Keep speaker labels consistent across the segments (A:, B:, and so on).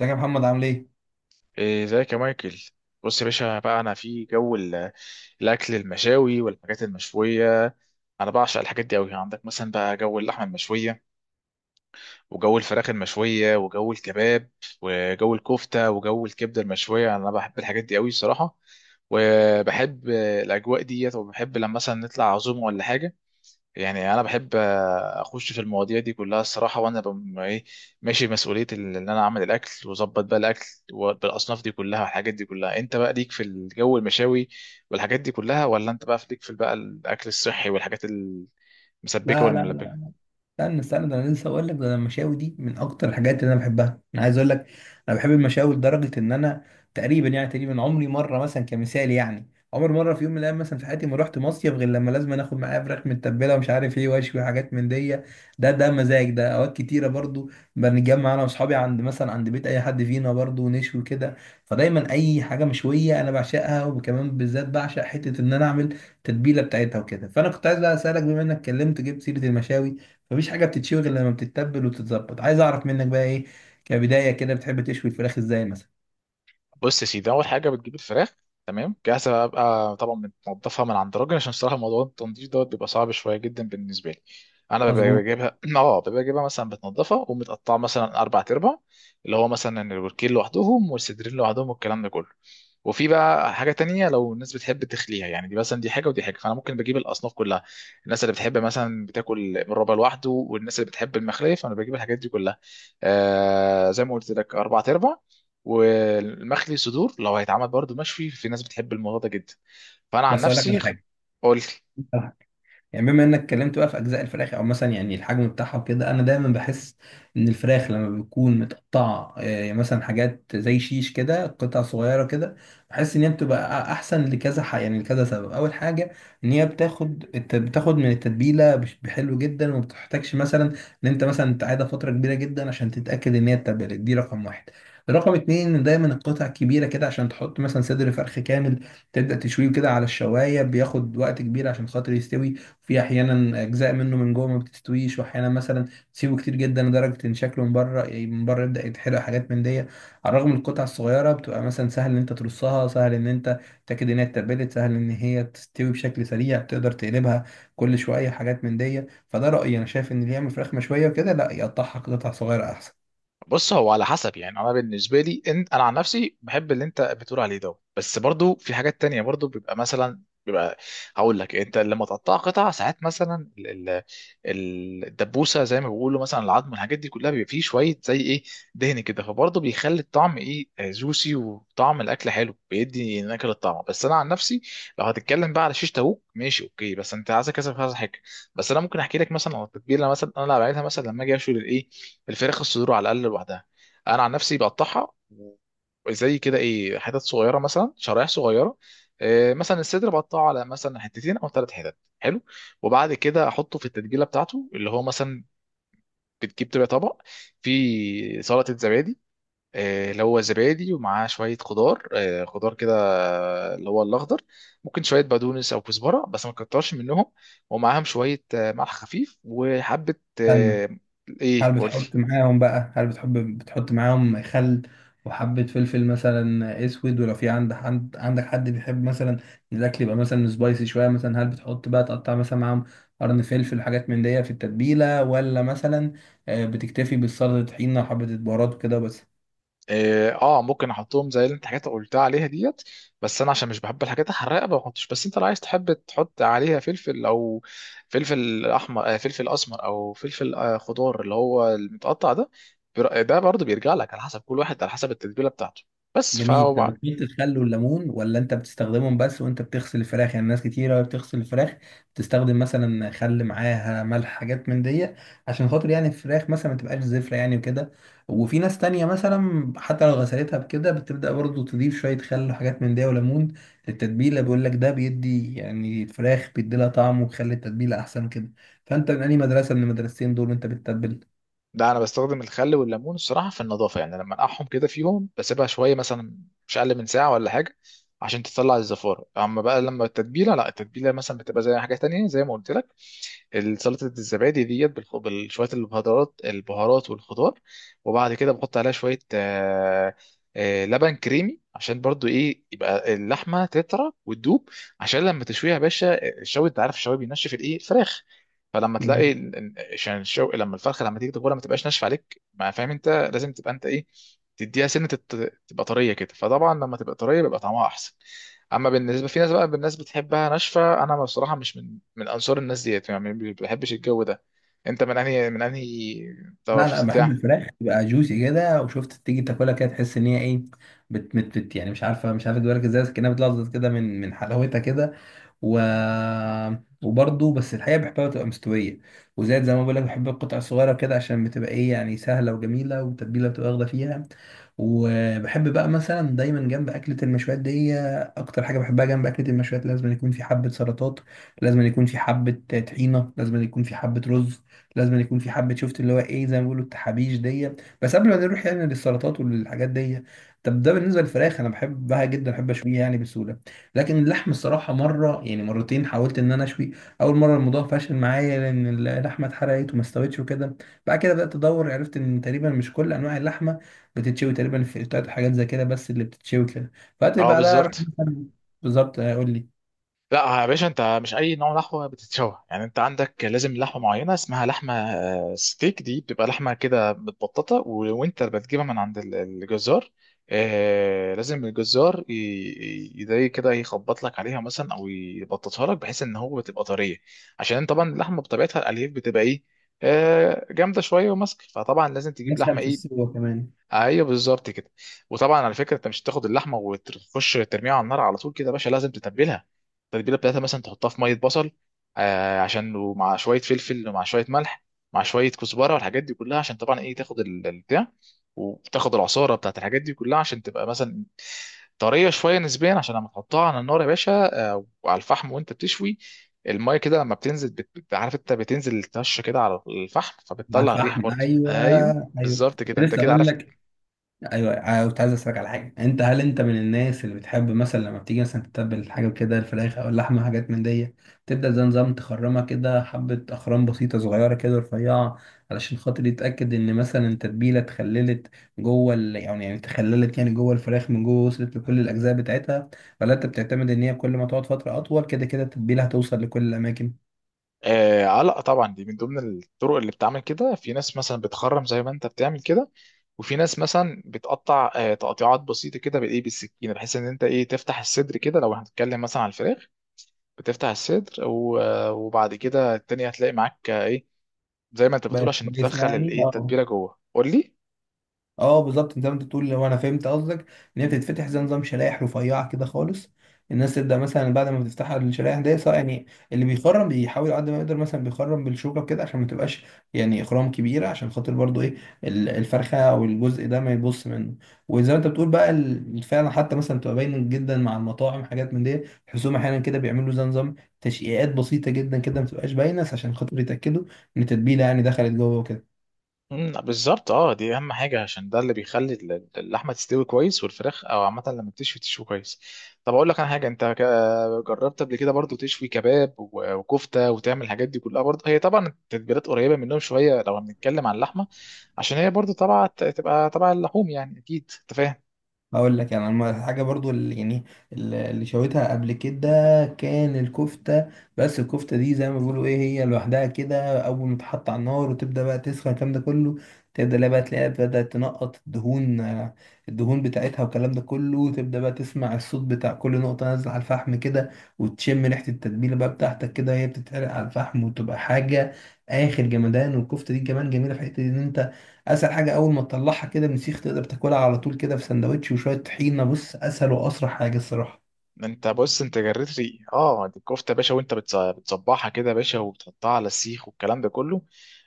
A: ازيك يا محمد عامل ايه؟
B: إيه، ازيك يا مايكل؟ بص يا باشا بقى، انا في جو الاكل المشاوي والحاجات المشويه. انا بعشق الحاجات دي قوي. عندك مثلا بقى جو اللحمه المشويه، وجو الفراخ المشويه، وجو الكباب، وجو الكفته، وجو الكبده المشويه. انا بحب الحاجات دي قوي الصراحه. وبحب الاجواء ديت، وبحب لما مثلا نطلع عزومه ولا حاجه. يعني انا بحب، اخش في المواضيع دي كلها الصراحه. وانا ايه، ماشي مسؤوليه ان انا اعمل الاكل واظبط بقى الاكل، بالاصناف دي كلها والحاجات دي كلها. انت بقى ليك في الجو المشاوي والحاجات دي كلها، ولا انت بقى ليك في بقى الاكل الصحي والحاجات المسبكه
A: لا لا
B: والملبكه؟
A: لا، استنى ده انا لسه اقول لك. ده أنا المشاوي دي من اكتر الحاجات اللي انا بحبها. انا عايز اقول لك انا بحب المشاوي لدرجه ان انا تقريبا تقريبا عمري مره مثلا كمثال يعني عمر مره في يوم من الايام مثلا في حياتي ما رحت مصيف غير لما لازم اخد معايا فراخ متبله ومش عارف ايه واشوي حاجات من دي. ده مزاج. ده اوقات كتيره برضو بنتجمع انا واصحابي عند مثلا عند بيت اي حد فينا برضو ونشوي كده. فدايما اي حاجه مشويه انا بعشقها، وكمان بالذات بعشق حته ان انا اعمل تتبيله بتاعتها وكده. فانا كنت عايز بقى اسالك، بما انك اتكلمت جبت سيره المشاوي، مفيش حاجه بتتشوي غير لما بتتبل وتتظبط. عايز اعرف منك بقى ايه، كبدايه كده، بتحب تشوي الفراخ ازاي مثلا؟
B: بص يا سيدي، اول حاجه بتجيب الفراخ تمام جاهزه بقى. طبعا بتنضفها من عند راجل، عشان الصراحه موضوع التنظيف دوت بيبقى صعب شويه جدا بالنسبه لي. انا ببقى
A: مظبوط.
B: بجيبها اه ببقى بجيبها مثلا بتنضفها، ومتقطعه مثلا 4 ارباع، اللي هو مثلا الوركين لوحدهم، والصدرين لوحدهم، والكلام ده كله. وفي بقى حاجه تانية لو الناس بتحب تخليها، يعني دي مثلا دي حاجه ودي حاجه، فانا ممكن بجيب الاصناف كلها. الناس اللي بتحب مثلا بتاكل الربع لوحده، والناس اللي بتحب المخليه، فانا بجيب الحاجات دي كلها. زي ما قلت لك، 4 ارباع. والمخلي صدور لو هيتعمل برضو مشوي، في ناس بتحب الموضوع ده جدا. فانا عن
A: بس اقول لك
B: نفسي.
A: على
B: قول.
A: حاجه، بما انك اتكلمت بقى في اجزاء الفراخ او مثلا يعني الحجم بتاعها وكده، انا دايما بحس ان الفراخ لما بتكون متقطعه يعني مثلا حاجات زي شيش كده قطع صغيره كده، بحس ان هي بتبقى احسن لكذا يعني لكذا سبب. اول حاجه ان هي بتاخد بتاخد من التتبيله بحلو جدا، وما بتحتاجش مثلا ان انت مثلا تقعدها فتره كبيره جدا عشان تتاكد ان هي اتبلت. دي رقم واحد. رقم اتنين ان دايما القطع كبيره كده، عشان تحط مثلا صدر فرخ كامل تبدا تشويه كده على الشوايه، بياخد وقت كبير عشان خاطر يستوي. في احيانا اجزاء منه من جوه ما بتستويش، واحيانا مثلا تسيبه كتير جدا لدرجه ان شكله من بره يعني من بره يبدا يتحرق حاجات من دي. على الرغم من القطع الصغيره بتبقى مثلا سهل ان انت ترصها، سهل ان انت تتاكد ان هي اتبلت، سهل ان هي تستوي بشكل سريع، تقدر تقلبها كل شويه حاجات من دي. فده رايي، انا شايف ان اللي يعمل فراخ مشويه وكده لا يقطعها قطع صغيره
B: بص، هو على حسب يعني. انا بالنسبه لي، إن انا عن نفسي بحب اللي انت بتقول عليه ده. بس برضو في حاجات تانية، برضو بيبقى مثلا بيبقى، هقول لك: انت لما تقطع قطع، ساعات مثلا الدبوسه زي ما بيقولوا، مثلا العظم، الحاجات دي كلها بيبقى فيه شويه زي ايه، دهن كده، فبرضه بيخلي الطعم ايه، جوسي، وطعم الاكل حلو، بيدي نكهه للطعم. بس انا عن نفسي لو هتتكلم بقى على شيش تاوك، ماشي اوكي، بس انت عايز كذا كذا حاجه. بس انا ممكن احكي لك مثلا عن التتبيله. مثلا انا اللي بعملها، مثلا لما اجي اشوي الايه، الفراخ الصدور على الاقل لوحدها. انا عن نفسي بقطعها، زي كده ايه، حتت صغيره، مثلا شرايح صغيره. إيه، مثلا الصدر بقطعه على مثلا حتتين او 3 حتت، حلو. وبعد كده احطه في التتبيله بتاعته، اللي هو مثلا بتجيب تبقى طبق فيه سلطه زبادي، اللي هو زبادي ومعاه شوية خضار، خضار كده، اللي هو الأخضر. ممكن شوية بقدونس أو كزبرة، بس ما تكترش منهم، ومعاهم شوية ملح خفيف، وحبة.
A: احسن.
B: آه،
A: هل
B: ايه، قولي.
A: بتحط معاهم بقى، هل بتحط معاهم خل وحبة فلفل مثلا اسود، ولو في عندك عندك حد بيحب مثلا إن الاكل يبقى مثلا سبايسي شوية، مثلا هل بتحط بقى تقطع مثلا معاهم قرن فلفل حاجات من دي في التتبيلة، ولا مثلا بتكتفي بالسلطة طحينة وحبة البهارات وكده بس؟
B: اه، ممكن احطهم زي اللي انت حاجات قلتها عليها ديت. بس انا عشان مش بحب الحاجات الحراقه ما بحطش. بس انت لو عايز تحب تحط عليها فلفل، او فلفل احمر، فلفل اسمر، او فلفل خضار، اللي هو المتقطع ده. ده برضه بيرجع لك على حسب كل واحد، على حسب التتبيله بتاعته. بس
A: جميل. طب بتميل الخل والليمون، ولا انت بتستخدمهم بس وانت بتغسل الفراخ؟ يعني ناس كتيرة وهي بتغسل الفراخ بتستخدم مثلا خل معاها ملح حاجات من دي عشان خاطر يعني الفراخ مثلا ما تبقاش زفرة يعني وكده. وفي ناس تانية مثلا حتى لو غسلتها بكده، بتبدأ برضو تضيف شوية خل وحاجات من دي وليمون للتتبيلة. بيقول لك ده بيدي يعني الفراخ، بيدي لها طعم وبيخلي التتبيلة أحسن كده. فأنت من أي مدرسة من المدرستين دول وأنت بتتبل؟
B: لا، انا بستخدم الخل والليمون الصراحه في النظافه، يعني لما انقعهم كده فيهم بسيبها شويه، مثلا مش اقل من ساعه ولا حاجه، عشان تطلع الزفاره. اما بقى لما التتبيله، لا، التتبيله مثلا بتبقى زي حاجه تانية، زي ما قلت لك، سلطة الزبادي ديت بشوية البهارات، البهارات والخضار، وبعد كده بحط عليها شوية لبن كريمي، عشان برضو ايه يبقى اللحمة تطرى وتدوب. عشان لما تشويها يا باشا، الشوي، انت عارف الشوي بينشف الايه، الفراخ. فلما تلاقي عشان لما الفرخة، لما تيجي تاكلها ما تبقاش ناشفة عليك، ما فاهم؟ انت لازم تبقى انت ايه، تديها سنة تبقى طرية كده. فطبعا لما تبقى طرية بيبقى طعمها احسن. اما بالنسبه في ناس بقى، بالناس بتحبها ناشفه، انا بصراحه مش من انصار الناس ديت، يعني ما بحبش الجو ده. انت من انهي
A: لا لا،
B: تفاصيل
A: بحب
B: ده؟
A: الفراخ تبقى جوسي كده، وشفت تيجي تاكلها كده تحس ان هي ايه، بت يعني مش عارفه تدوها لك ازاي، بس كانها بتلظظ كده من حلاوتها كده و... وبرضه بس الحقيقة بحبها تبقى مستوية، وزائد زي ما بقول لك بحب القطع الصغيرة كده عشان بتبقى ايه يعني سهلة وجميلة والتتبيلة بتبقى واخدة فيها. وبحب بقى مثلا دايما جنب أكلة المشويات دي، أكتر حاجة بحبها جنب أكلة المشويات، لازم يكون في حبة سلطات، لازم يكون في حبة طحينة، لازم يكون في حبة رز، لازم يكون في حبة شفت اللي هو ايه زي ما بيقولوا التحابيش دي. بس قبل ما نروح يعني للسلطات وللحاجات دي، طب ده بالنسبة للفراخ أنا بحبها جدا بحب أشويها يعني بسهولة. لكن اللحم، الصراحة مرة يعني مرتين حاولت إن أنا أشوي. أول مرة الموضوع فشل معايا لأن اللحمة اتحرقت وما استوتش وكده. بعد كده بدأت أدور، عرفت إن تقريبا مش كل أنواع اللحمة بتتشوي، تقريبا فلتات وحاجات زي كده بس اللي بتتشوي كده. فقلت
B: اه،
A: بعدها أروح
B: بالظبط.
A: مثلا. بالظبط، أقول لي.
B: لا يا باشا، انت مش اي نوع لحمه بتتشوى. يعني انت عندك لازم لحمه معينه، اسمها لحمه ستيك، دي بتبقى لحمه كده متبططه، وانت بتجيبها من عند الجزار. لازم الجزار زي كده يخبط لك عليها مثلا، او يبططها لك، بحيث ان هو بتبقى طريه. عشان طبعا اللحمه بطبيعتها الالياف بتبقى ايه، جامده شويه وماسكه، فطبعا لازم تجيب لحمه
A: أسهل في
B: ايه.
A: السوا كمان.
B: ايوه، بالظبط كده. وطبعا على فكره، انت مش هتاخد اللحمه وتخش ترميها على النار على طول كده يا باشا، لازم تتبلها. التتبيله بتاعتها مثلا تحطها في ميه بصل، عشان، ومع شويه فلفل، ومع شويه ملح، مع شويه كزبره، والحاجات دي كلها، عشان طبعا ايه، تاخد البتاع، وتاخد العصاره بتاعت الحاجات دي كلها، عشان تبقى مثلا طريه شويه نسبيا، عشان لما تحطها على النار يا باشا، وعلى الفحم وانت بتشوي، الميه كده لما بتنزل عارف، انت بتنزل الطشه كده على الفحم
A: على
B: فبتطلع الريحه،
A: الفحم،
B: برضه
A: أيوه.
B: ايوه
A: أيوه،
B: بالظبط
A: كنت
B: كده، انت
A: لسه
B: كده
A: أقول
B: عارف.
A: لك. ايوه أنا كنت عايز اسالك على حاجه. انت هل انت من الناس اللي بتحب مثلا لما بتيجي مثلا تتبل حاجه كده الفراخ او اللحمه حاجات من دي، تبدا زي نظام تخرمها كده حبه اخرام بسيطه صغيره كده رفيعه علشان خاطر يتاكد ان مثلا التتبيله اتخللت جوه يعني اتخللت يعني جوه الفراخ من جوه، وصلت لكل الاجزاء بتاعتها؟ ولا انت بتعتمد ان هي كل ما تقعد فتره اطول كده كده التتبيله هتوصل لكل الاماكن؟
B: لا طبعا، دي من ضمن الطرق اللي بتعمل كده. في ناس مثلا بتخرم زي ما انت بتعمل كده، وفي ناس مثلا بتقطع تقطيعات بسيطه كده بايه، بالسكينه، بحيث ان انت ايه، تفتح الصدر كده، لو هنتكلم مثلا على الفراخ، بتفتح الصدر وبعد كده التانية هتلاقي معاك ايه زي ما انت
A: بقت
B: بتقول، عشان
A: كويسه
B: تدخل
A: يعني
B: الايه
A: اه.
B: التتبيله جوه. قول لي.
A: اه بالظبط زي ما انت بتقول، لو انا فهمت قصدك ان هي بتتفتح زي نظام شرائح رفيعه كده خالص، الناس تبدا مثلا بعد ما بتفتحها الشرائح دي صح يعني. اللي بيخرم بيحاول على قد ما يقدر مثلا بيخرم بالشوكه كده عشان ما تبقاش يعني اخرام كبيره، عشان خاطر برضو ايه الفرخه او الجزء ده ما يبص منه. وزي ما انت بتقول بقى فعلا، حتى مثلا بتبقى باين جدا مع المطاعم حاجات من دي، حسهم احيانا كده بيعملوا زي نظام تشقيقات بسيطه جدا كده ما تبقاش باينه عشان خاطر يتاكدوا ان التتبيله يعني دخلت جوه وكده.
B: بالظبط، اه، دي اهم حاجه، عشان ده اللي بيخلي اللحمه تستوي كويس، والفراخ او عامه لما بتشوي تشوي كويس. طب اقول لك انا حاجه، انت جربت قبل كده برضو تشوي كباب وكفته، وتعمل الحاجات دي كلها؟ برضو هي طبعا التتبيلات قريبه منهم شويه لو هنتكلم عن اللحمه، عشان هي برضو طبعا تبقى طبعا اللحوم يعني، اكيد انت فاهم.
A: اقول لك يعني أنا حاجه، برضو اللي يعني اللي شويتها قبل كده كان الكفته. بس الكفته دي زي ما بيقولوا ايه، هي لوحدها كده اول ما تحط على النار وتبدا بقى تسخن الكلام ده كله، تبدا لا بقى تلاقيها بدات تنقط الدهون الدهون بتاعتها والكلام ده كله، وتبدا بقى تسمع الصوت بتاع كل نقطه نازله على الفحم كده، وتشم ريحه التتبيله بقى بتاعتك كده وهي بتتعرق على الفحم، وتبقى حاجه اخر جمدان. والكفته دي كمان جميله في حته ان انت اسهل حاجه اول ما تطلعها كده من سيخ تقدر تاكلها على طول كده في سندوتش وشويه طحينه. بص اسهل واسرع حاجه الصراحه.
B: انت بص، انت جريت لي. اه دي الكفته يا باشا، وانت بتصبحها كده يا باشا، وبتحطها على السيخ والكلام ده كله،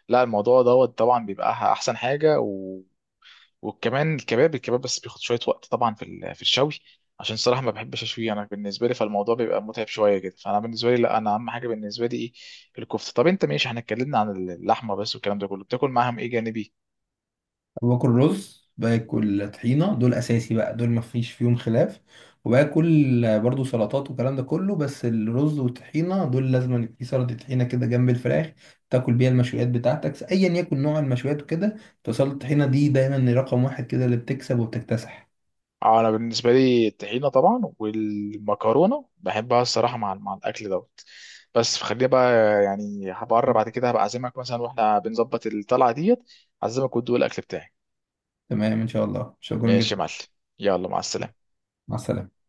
B: لا الموضوع دوت طبعا بيبقى احسن حاجه. وكمان الكباب، الكباب بس بياخد شويه وقت طبعا في في الشوي، عشان صراحه ما بحبش اشويه، انا بالنسبه لي فالموضوع بيبقى متعب شويه كده، فانا بالنسبه لي لا، انا اهم حاجه بالنسبه لي ايه، الكفته. طب انت ماشي، احنا اتكلمنا عن اللحمه بس والكلام ده كله، بتاكل معاهم ايه جانبي؟
A: باكل رز، باكل طحينه، دول اساسي بقى، دول ما فيش فيهم خلاف. وباكل برضو سلطات والكلام ده كله، بس الرز والطحينه دول لازم يبقى في سلطه طحينه كده جنب الفراخ، تاكل بيها المشويات بتاعتك ايا يكن نوع المشويات وكده. فسلطه الطحينه دي دايما رقم واحد كده، اللي بتكسب وبتكتسح.
B: انا بالنسبه لي الطحينه طبعا والمكرونه بحبها الصراحه مع الاكل دوت. بس خلينا بقى يعني هبقرب بعد كده، هبقى اعزمك مثلا، واحنا بنظبط الطلعه ديت، اعزمك وتدوق الاكل بتاعي.
A: تمام ان شاء الله، شكرا
B: ماشي
A: جدا.
B: يا معلم، يلا مع السلامه.
A: مع السلامه.